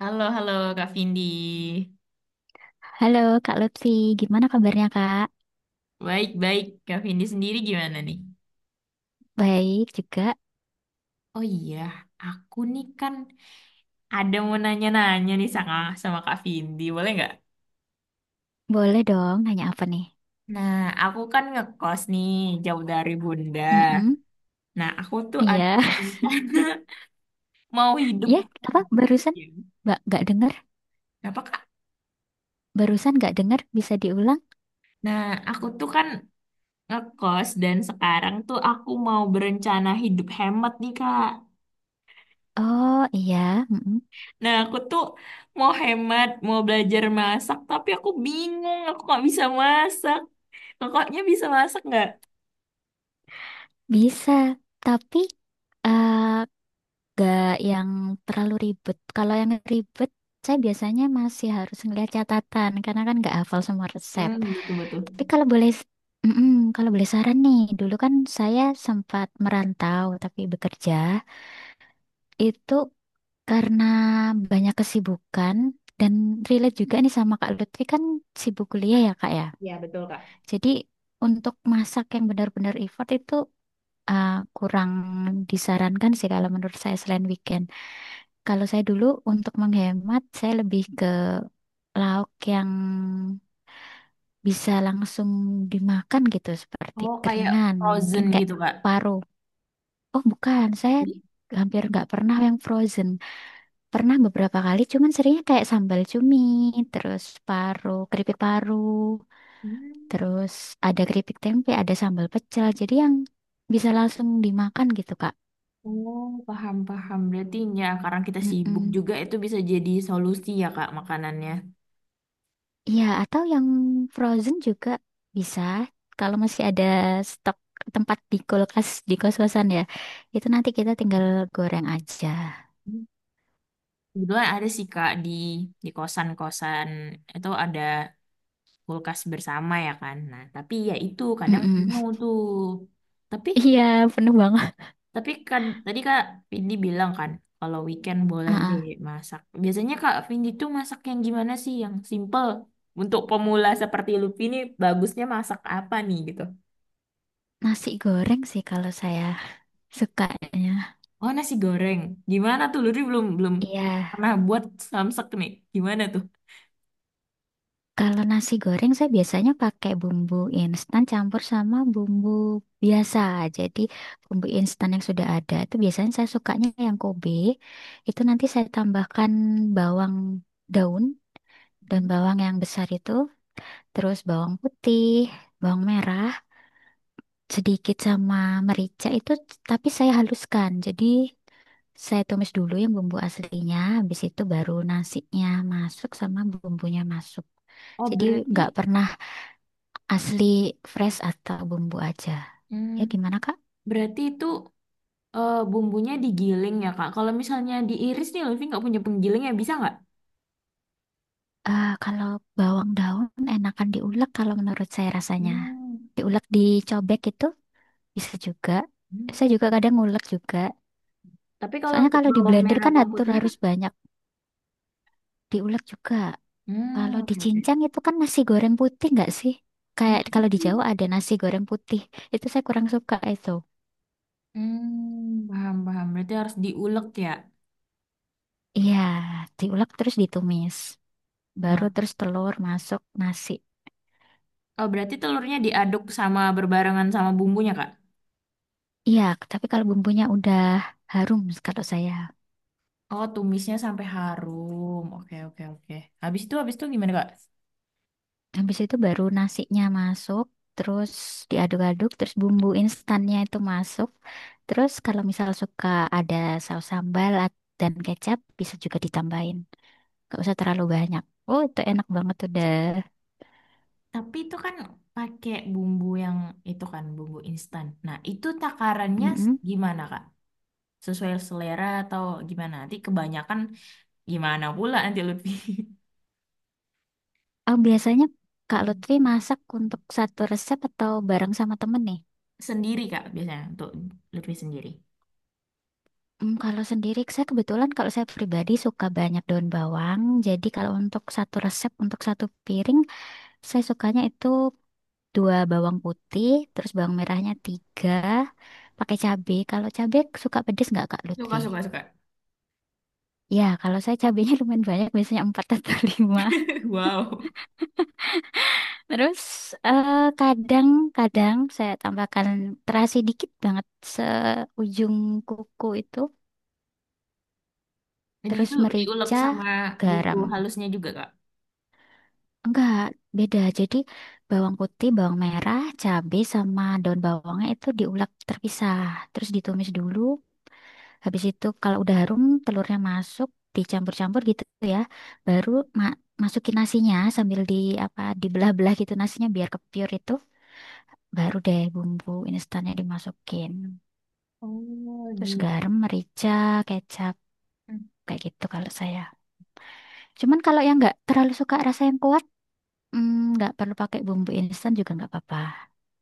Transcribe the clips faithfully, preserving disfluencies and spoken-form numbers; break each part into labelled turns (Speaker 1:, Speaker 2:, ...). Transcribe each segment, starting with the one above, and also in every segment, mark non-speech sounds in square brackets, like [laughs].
Speaker 1: Halo, halo Kak Vindi.
Speaker 2: Halo Kak Lutfi, gimana kabarnya Kak?
Speaker 1: Baik-baik, Kak Vindi sendiri gimana nih?
Speaker 2: Baik juga.
Speaker 1: Oh iya, aku nih kan ada mau nanya-nanya nih sama, sama Kak Vindi, boleh nggak?
Speaker 2: Boleh dong nanya apa nih?
Speaker 1: Nah, aku kan ngekos nih, jauh dari Bunda.
Speaker 2: Mm-mm.
Speaker 1: Nah, aku tuh
Speaker 2: Iya.
Speaker 1: ada rencana
Speaker 2: [laughs]
Speaker 1: [laughs] mau hidup.
Speaker 2: Ya,
Speaker 1: eh,
Speaker 2: apa barusan?
Speaker 1: iya.
Speaker 2: Mbak, nggak dengar?
Speaker 1: Apa Kak?
Speaker 2: Barusan nggak dengar? Bisa diulang?
Speaker 1: Nah, aku tuh kan ngekos dan sekarang tuh aku mau berencana hidup hemat nih, Kak.
Speaker 2: Oh iya, mm-mm.
Speaker 1: Nah, aku tuh mau hemat, mau belajar masak, tapi aku bingung, aku nggak bisa masak. Kakaknya bisa masak nggak?
Speaker 2: Bisa. Tapi gak yang terlalu ribet. Kalau yang ribet, saya biasanya masih harus ngeliat catatan karena kan nggak hafal semua resep.
Speaker 1: Hmm,
Speaker 2: Tapi
Speaker 1: betul-betul.
Speaker 2: kalau boleh, mm-mm, kalau boleh saran nih, dulu kan saya sempat merantau tapi bekerja itu karena banyak kesibukan dan relate juga nih sama Kak Lutfi kan sibuk kuliah ya Kak ya.
Speaker 1: Ya, betul, Kak.
Speaker 2: Jadi untuk masak yang benar-benar effort itu uh, kurang disarankan sih kalau menurut saya selain weekend. Kalau saya dulu untuk menghemat, saya lebih ke lauk yang bisa langsung dimakan gitu seperti
Speaker 1: Oh, kayak
Speaker 2: keringan
Speaker 1: frozen
Speaker 2: mungkin kayak
Speaker 1: gitu, Kak.
Speaker 2: paru. Oh bukan, saya
Speaker 1: Jadi,
Speaker 2: hampir nggak pernah yang frozen. Pernah beberapa kali, cuman seringnya kayak sambal cumi, terus paru, keripik paru,
Speaker 1: hmm.
Speaker 2: terus ada keripik tempe, ada sambal pecel. Jadi yang bisa langsung dimakan gitu Kak.
Speaker 1: Oh, paham-paham. Berarti ya, karena kita sibuk
Speaker 2: Mm-mm.
Speaker 1: juga, itu bisa jadi solusi ya, Kak, makanannya.
Speaker 2: Iya, atau yang frozen juga bisa. Kalau masih ada stok tempat di kulkas di kos-kosan ya, itu nanti kita tinggal goreng aja.
Speaker 1: Hmm. Kebetulan ada sih, Kak, di di kosan-kosan itu ada kulkas bersama ya kan. Nah, tapi ya itu kadang
Speaker 2: Mm-mm.
Speaker 1: penuh tuh. Tapi
Speaker 2: Iya, penuh banget.
Speaker 1: Tapi kan tadi Kak Vindi bilang kan kalau weekend boleh
Speaker 2: Heeh.
Speaker 1: deh masak. Biasanya Kak Vindi tuh masak yang gimana sih yang simple? Untuk pemula seperti Luffy ini bagusnya masak apa nih gitu?
Speaker 2: Nasi goreng sih kalau saya sukanya.
Speaker 1: Oh nasi goreng. Gimana tuh Luffy belum belum
Speaker 2: Iya,
Speaker 1: pernah buat samsak nih. Gimana tuh?
Speaker 2: kalau nasi goreng saya biasanya pakai bumbu instan campur sama bumbu biasa. Jadi bumbu instan yang sudah ada itu biasanya saya sukanya yang Kobe. Itu nanti saya tambahkan bawang daun dan bawang yang besar itu, terus bawang putih, bawang merah, sedikit sama merica itu tapi saya haluskan. Jadi saya tumis dulu yang bumbu aslinya, habis itu baru nasinya masuk sama bumbunya masuk.
Speaker 1: Oh
Speaker 2: Jadi nggak
Speaker 1: berarti
Speaker 2: pernah asli fresh atau bumbu aja.
Speaker 1: hmm,
Speaker 2: Ya gimana Kak?
Speaker 1: berarti itu eh, bumbunya digiling ya Kak. Kalau misalnya diiris nih Luffy nggak punya penggiling ya bisa nggak?
Speaker 2: Eh, kalau bawang daun enakan diulek kalau menurut saya rasanya.
Speaker 1: Hmm.
Speaker 2: Diulek dicobek itu bisa juga.
Speaker 1: Hmm.
Speaker 2: Saya juga kadang ngulek juga.
Speaker 1: Tapi kalau
Speaker 2: Soalnya
Speaker 1: untuk
Speaker 2: kalau di
Speaker 1: bawang
Speaker 2: blender
Speaker 1: merah,
Speaker 2: kan
Speaker 1: bawang
Speaker 2: atur
Speaker 1: putihnya Kak?
Speaker 2: harus banyak diulek juga.
Speaker 1: Hmm,
Speaker 2: Kalau di
Speaker 1: oke oke.
Speaker 2: Cincang itu kan nasi goreng putih nggak sih?
Speaker 1: Nah,
Speaker 2: Kayak kalau di
Speaker 1: itu.
Speaker 2: Jawa ada nasi goreng putih. Itu saya kurang suka itu.
Speaker 1: Hmm, paham, paham. Berarti harus diulek ya.
Speaker 2: Iya, diulek terus ditumis. Baru
Speaker 1: Nah,
Speaker 2: terus telur masuk nasi.
Speaker 1: oh berarti telurnya diaduk sama berbarengan sama bumbunya, Kak?
Speaker 2: Iya, tapi kalau bumbunya udah harum kalau saya.
Speaker 1: Oh, tumisnya sampai harum. Oke, oke, oke. Habis itu, habis itu gimana, Kak?
Speaker 2: Habis itu baru nasinya masuk, terus diaduk-aduk, terus bumbu instannya itu masuk. Terus kalau misal suka ada saus sambal at- dan kecap bisa juga ditambahin. Gak usah terlalu banyak. Oh, itu enak banget udah.
Speaker 1: Tapi itu kan pakai bumbu yang itu kan, bumbu instan. Nah, itu takarannya s-
Speaker 2: Mm-mm.
Speaker 1: gimana, Kak? Sesuai selera atau gimana? Nanti kebanyakan gimana pula nanti Lutfi.
Speaker 2: Oh, biasanya Kak Lutfi masak untuk satu resep atau bareng sama temen nih?
Speaker 1: [laughs] Sendiri, Kak, biasanya untuk Lutfi sendiri.
Speaker 2: Hmm, kalau sendiri, saya kebetulan kalau saya pribadi suka banyak daun bawang. Jadi kalau untuk satu resep, untuk satu piring, saya sukanya itu dua bawang putih, terus bawang merahnya tiga, pakai cabai. Kalau cabai suka pedes nggak Kak Lutfi?
Speaker 1: Suka, suka, suka.
Speaker 2: Ya, kalau saya cabainya [laughs] lumayan banyak, biasanya empat atau lima.
Speaker 1: [laughs] Wow.
Speaker 2: Terus eh, kadang-kadang saya tambahkan terasi dikit banget seujung kuku itu,
Speaker 1: Jadi
Speaker 2: terus
Speaker 1: itu diulek
Speaker 2: merica,
Speaker 1: sama bumbu
Speaker 2: garam.
Speaker 1: halusnya juga, Kak.
Speaker 2: Enggak, beda. Jadi bawang putih, bawang merah, cabai sama daun bawangnya itu diulek terpisah, terus ditumis dulu. Habis itu kalau udah harum, telurnya masuk, dicampur-campur gitu ya. Baru ma- masukin nasinya sambil di apa dibelah-belah gitu nasinya biar kepiur itu. Baru deh bumbu instannya dimasukin.
Speaker 1: Oh
Speaker 2: Terus
Speaker 1: gitu.
Speaker 2: garam, merica, kecap,
Speaker 1: Hmm.
Speaker 2: kayak gitu kalau saya. Cuman kalau yang nggak terlalu suka rasa yang kuat, mm, nggak perlu pakai bumbu instan juga nggak apa-apa.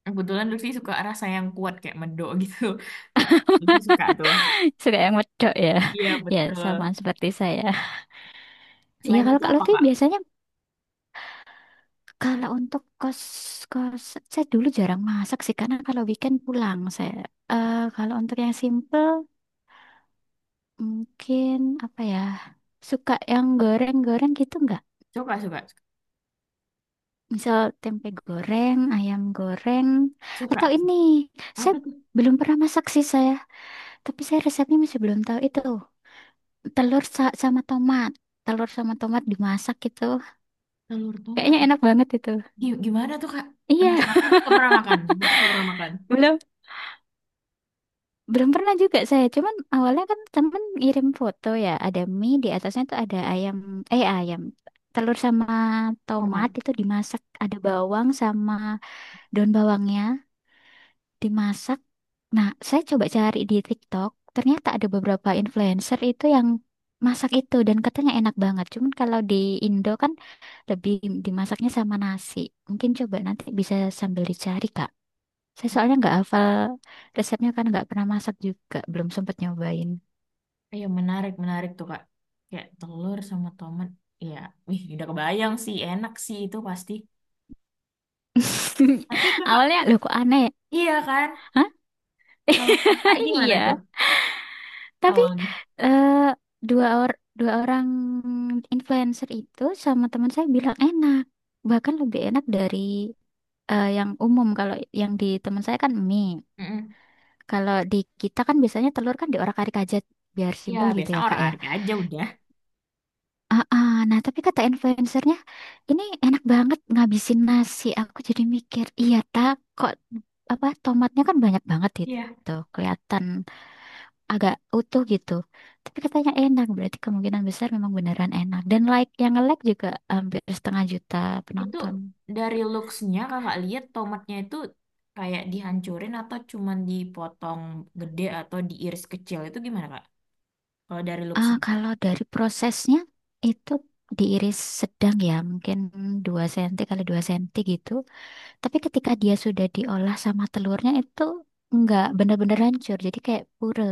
Speaker 1: Kebetulan Lutfi suka rasa yang kuat kayak medok gitu. [laughs] Lutfi suka tuh.
Speaker 2: [laughs] Suka yang medok ya.
Speaker 1: Iya,
Speaker 2: [laughs] Ya, sama
Speaker 1: betul.
Speaker 2: seperti saya. Iya,
Speaker 1: Selain
Speaker 2: kalau
Speaker 1: itu
Speaker 2: Kak
Speaker 1: apa,
Speaker 2: Lutfi
Speaker 1: Kak?
Speaker 2: biasanya kalau untuk kos-kos, saya dulu jarang masak sih, karena kalau weekend pulang saya. Eh, kalau untuk yang simple, mungkin apa ya, suka yang goreng-goreng gitu nggak?
Speaker 1: Suka, suka,
Speaker 2: Misal tempe goreng, ayam goreng,
Speaker 1: suka.
Speaker 2: atau ini. Saya
Speaker 1: Apa tuh?
Speaker 2: belum pernah masak sih saya, tapi saya resepnya masih belum tahu itu. Telur sa- sama tomat. Telur sama tomat dimasak gitu.
Speaker 1: Telur tomat.
Speaker 2: Kayaknya enak banget itu.
Speaker 1: Gi- Gimana tuh, Kak?
Speaker 2: Iya,
Speaker 1: Penasaran
Speaker 2: [laughs]
Speaker 1: tapi nggak pernah makan. Lutfi nggak pernah makan.
Speaker 2: belum belum pernah juga saya. Cuman awalnya kan temen ngirim foto ya, ada mie di atasnya tuh ada ayam eh ayam telur sama tomat
Speaker 1: Tomat.
Speaker 2: itu dimasak, ada bawang sama daun bawangnya dimasak. Nah, saya coba cari di TikTok, ternyata ada beberapa influencer itu yang masak itu dan katanya enak banget. Cuman kalau di Indo kan lebih dimasaknya sama nasi. Mungkin coba nanti bisa sambil dicari, Kak. Saya soalnya nggak hafal resepnya kan nggak pernah masak juga, belum sempat nyobain.
Speaker 1: Iya, menarik, menarik tuh, Kak. Kayak telur sama tomat. Iya, wih, udah kebayang sih. Enak sih itu pasti.
Speaker 2: [laughs]
Speaker 1: Tapi, Kakak,
Speaker 2: Awalnya loh kok aneh ya?
Speaker 1: iya kan?
Speaker 2: Hah?
Speaker 1: Kalau Kakak
Speaker 2: [laughs]
Speaker 1: gimana tuh
Speaker 2: Iya. Tapi
Speaker 1: awalnya?
Speaker 2: eh, dua or dua orang influencer itu sama teman saya bilang enak. Bahkan lebih enak dari eh, yang umum. Kalau yang di teman saya kan mie,
Speaker 1: Mm-mm.
Speaker 2: kalau di kita kan biasanya telur kan diorak-arik aja biar
Speaker 1: Ya,
Speaker 2: simpel gitu
Speaker 1: biasa
Speaker 2: ya kak
Speaker 1: orang
Speaker 2: ya.
Speaker 1: harga aja udah.
Speaker 2: Ah, ah, nah, tapi kata influencernya ini enak banget ngabisin nasi, aku jadi mikir iya tak kok apa tomatnya kan banyak banget
Speaker 1: Iya.
Speaker 2: itu kelihatan agak utuh gitu tapi katanya enak berarti kemungkinan besar memang beneran enak, dan like yang nge-like juga hampir setengah juta
Speaker 1: Itu
Speaker 2: penonton.
Speaker 1: dari looks-nya kakak lihat tomatnya itu kayak dihancurin atau cuman dipotong gede atau diiris kecil. Itu gimana, Kak? Kalau dari
Speaker 2: Ah,
Speaker 1: looks-nya.
Speaker 2: kalau dari prosesnya itu diiris sedang ya, mungkin dua senti kali dua senti gitu. Tapi ketika dia sudah diolah sama telurnya itu nggak benar-benar hancur. Jadi kayak pure,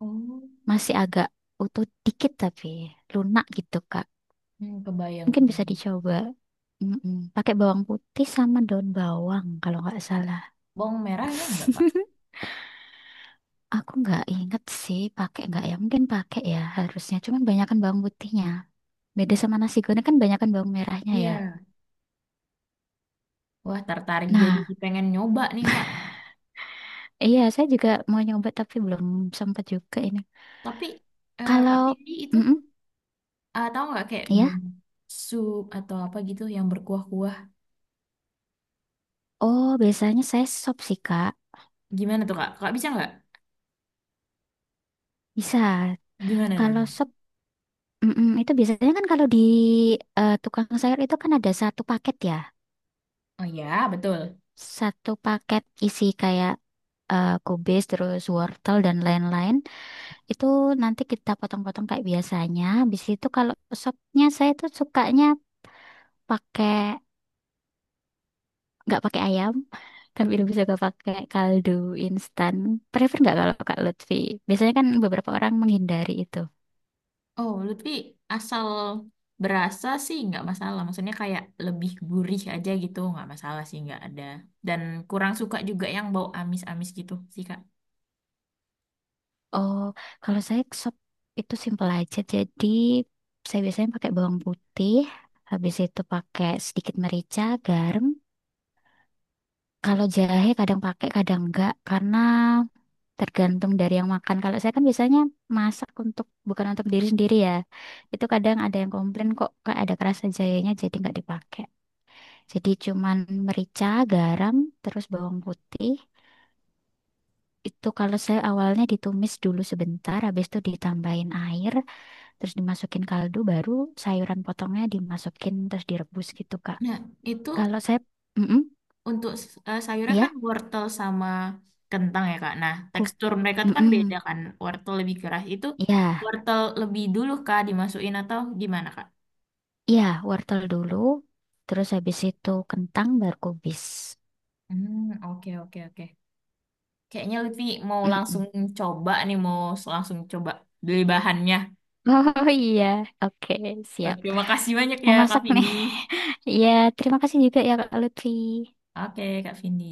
Speaker 1: Oh,
Speaker 2: masih agak utuh dikit tapi lunak gitu, Kak.
Speaker 1: hmm, kebayang,
Speaker 2: Mungkin bisa
Speaker 1: kebayang.
Speaker 2: dicoba. Mm-mm. Pakai bawang putih sama daun bawang kalau nggak salah.
Speaker 1: Bawang merah ya enggak, Kak?
Speaker 2: [laughs] Aku nggak inget sih pakai nggak ya. Mungkin pakai ya harusnya. Cuman banyakan bawang putihnya. Beda sama nasi goreng kan banyakan bawang merahnya ya.
Speaker 1: Iya. Wah, tertarik jadi
Speaker 2: Nah,
Speaker 1: pengen nyoba nih, Kak.
Speaker 2: iya saya juga mau nyoba tapi belum sempat juga ini.
Speaker 1: Tapi, eh, Kak
Speaker 2: Kalau,
Speaker 1: Pidi itu,
Speaker 2: mm
Speaker 1: eh, tahu nggak kayak buat
Speaker 2: ya,
Speaker 1: sup atau apa gitu yang berkuah-kuah.
Speaker 2: oh biasanya saya sop sih Kak.
Speaker 1: Gimana tuh, Kak? Kak bisa nggak?
Speaker 2: Bisa.
Speaker 1: Gimana,
Speaker 2: Kalau
Speaker 1: gimana?
Speaker 2: sop, mm itu biasanya kan kalau di eh, tukang sayur itu kan ada satu paket ya.
Speaker 1: Oh ya, betul.
Speaker 2: Satu paket isi kayak eh, kubis, terus wortel dan lain-lain. Itu nanti kita potong-potong kayak biasanya. Habis itu kalau sopnya saya tuh sukanya pakai nggak pakai ayam tapi lebih suka pakai kaldu instan, prefer nggak kalau Kak Lutfi, biasanya kan beberapa orang menghindari itu.
Speaker 1: Oh, Lutfi asal berasa sih nggak masalah. Maksudnya kayak lebih gurih aja gitu, nggak masalah sih nggak ada. Dan kurang suka juga yang bau amis-amis gitu sih Kak.
Speaker 2: Oh, kalau saya sop itu simpel aja, jadi saya biasanya pakai bawang putih, habis itu pakai sedikit merica garam. Kalau jahe kadang pakai kadang enggak karena tergantung dari yang makan. Kalau saya kan biasanya masak untuk bukan untuk diri sendiri ya, itu kadang ada yang komplain kok Kak, ada kerasa jahenya jadi nggak dipakai. Jadi cuman merica, garam, terus bawang putih. Itu kalau saya awalnya ditumis dulu sebentar, habis itu ditambahin air, terus dimasukin kaldu, baru sayuran potongnya dimasukin terus direbus gitu, Kak.
Speaker 1: Nah, itu
Speaker 2: Kalau saya, mm
Speaker 1: untuk s- eh, sayurnya kan
Speaker 2: ya,
Speaker 1: wortel sama kentang ya Kak. Nah,
Speaker 2: ku,
Speaker 1: tekstur mereka tuh kan
Speaker 2: mm
Speaker 1: beda kan. Wortel lebih keras itu
Speaker 2: ya,
Speaker 1: wortel lebih dulu Kak dimasukin atau gimana Kak?
Speaker 2: ya, wortel dulu, terus habis itu kentang, baru kubis.
Speaker 1: Hmm, oke oke oke. Kayaknya Lutfi mau langsung
Speaker 2: Mm-mm.
Speaker 1: coba nih, mau s- langsung coba beli bahannya.
Speaker 2: Oh iya, oke, siap.
Speaker 1: Oke, makasih banyak ya
Speaker 2: Mau
Speaker 1: Kak
Speaker 2: masak
Speaker 1: Vindi.
Speaker 2: nih. [laughs] Ya, terima kasih juga ya Kak Lutfi.
Speaker 1: Oke, Kak Vindi.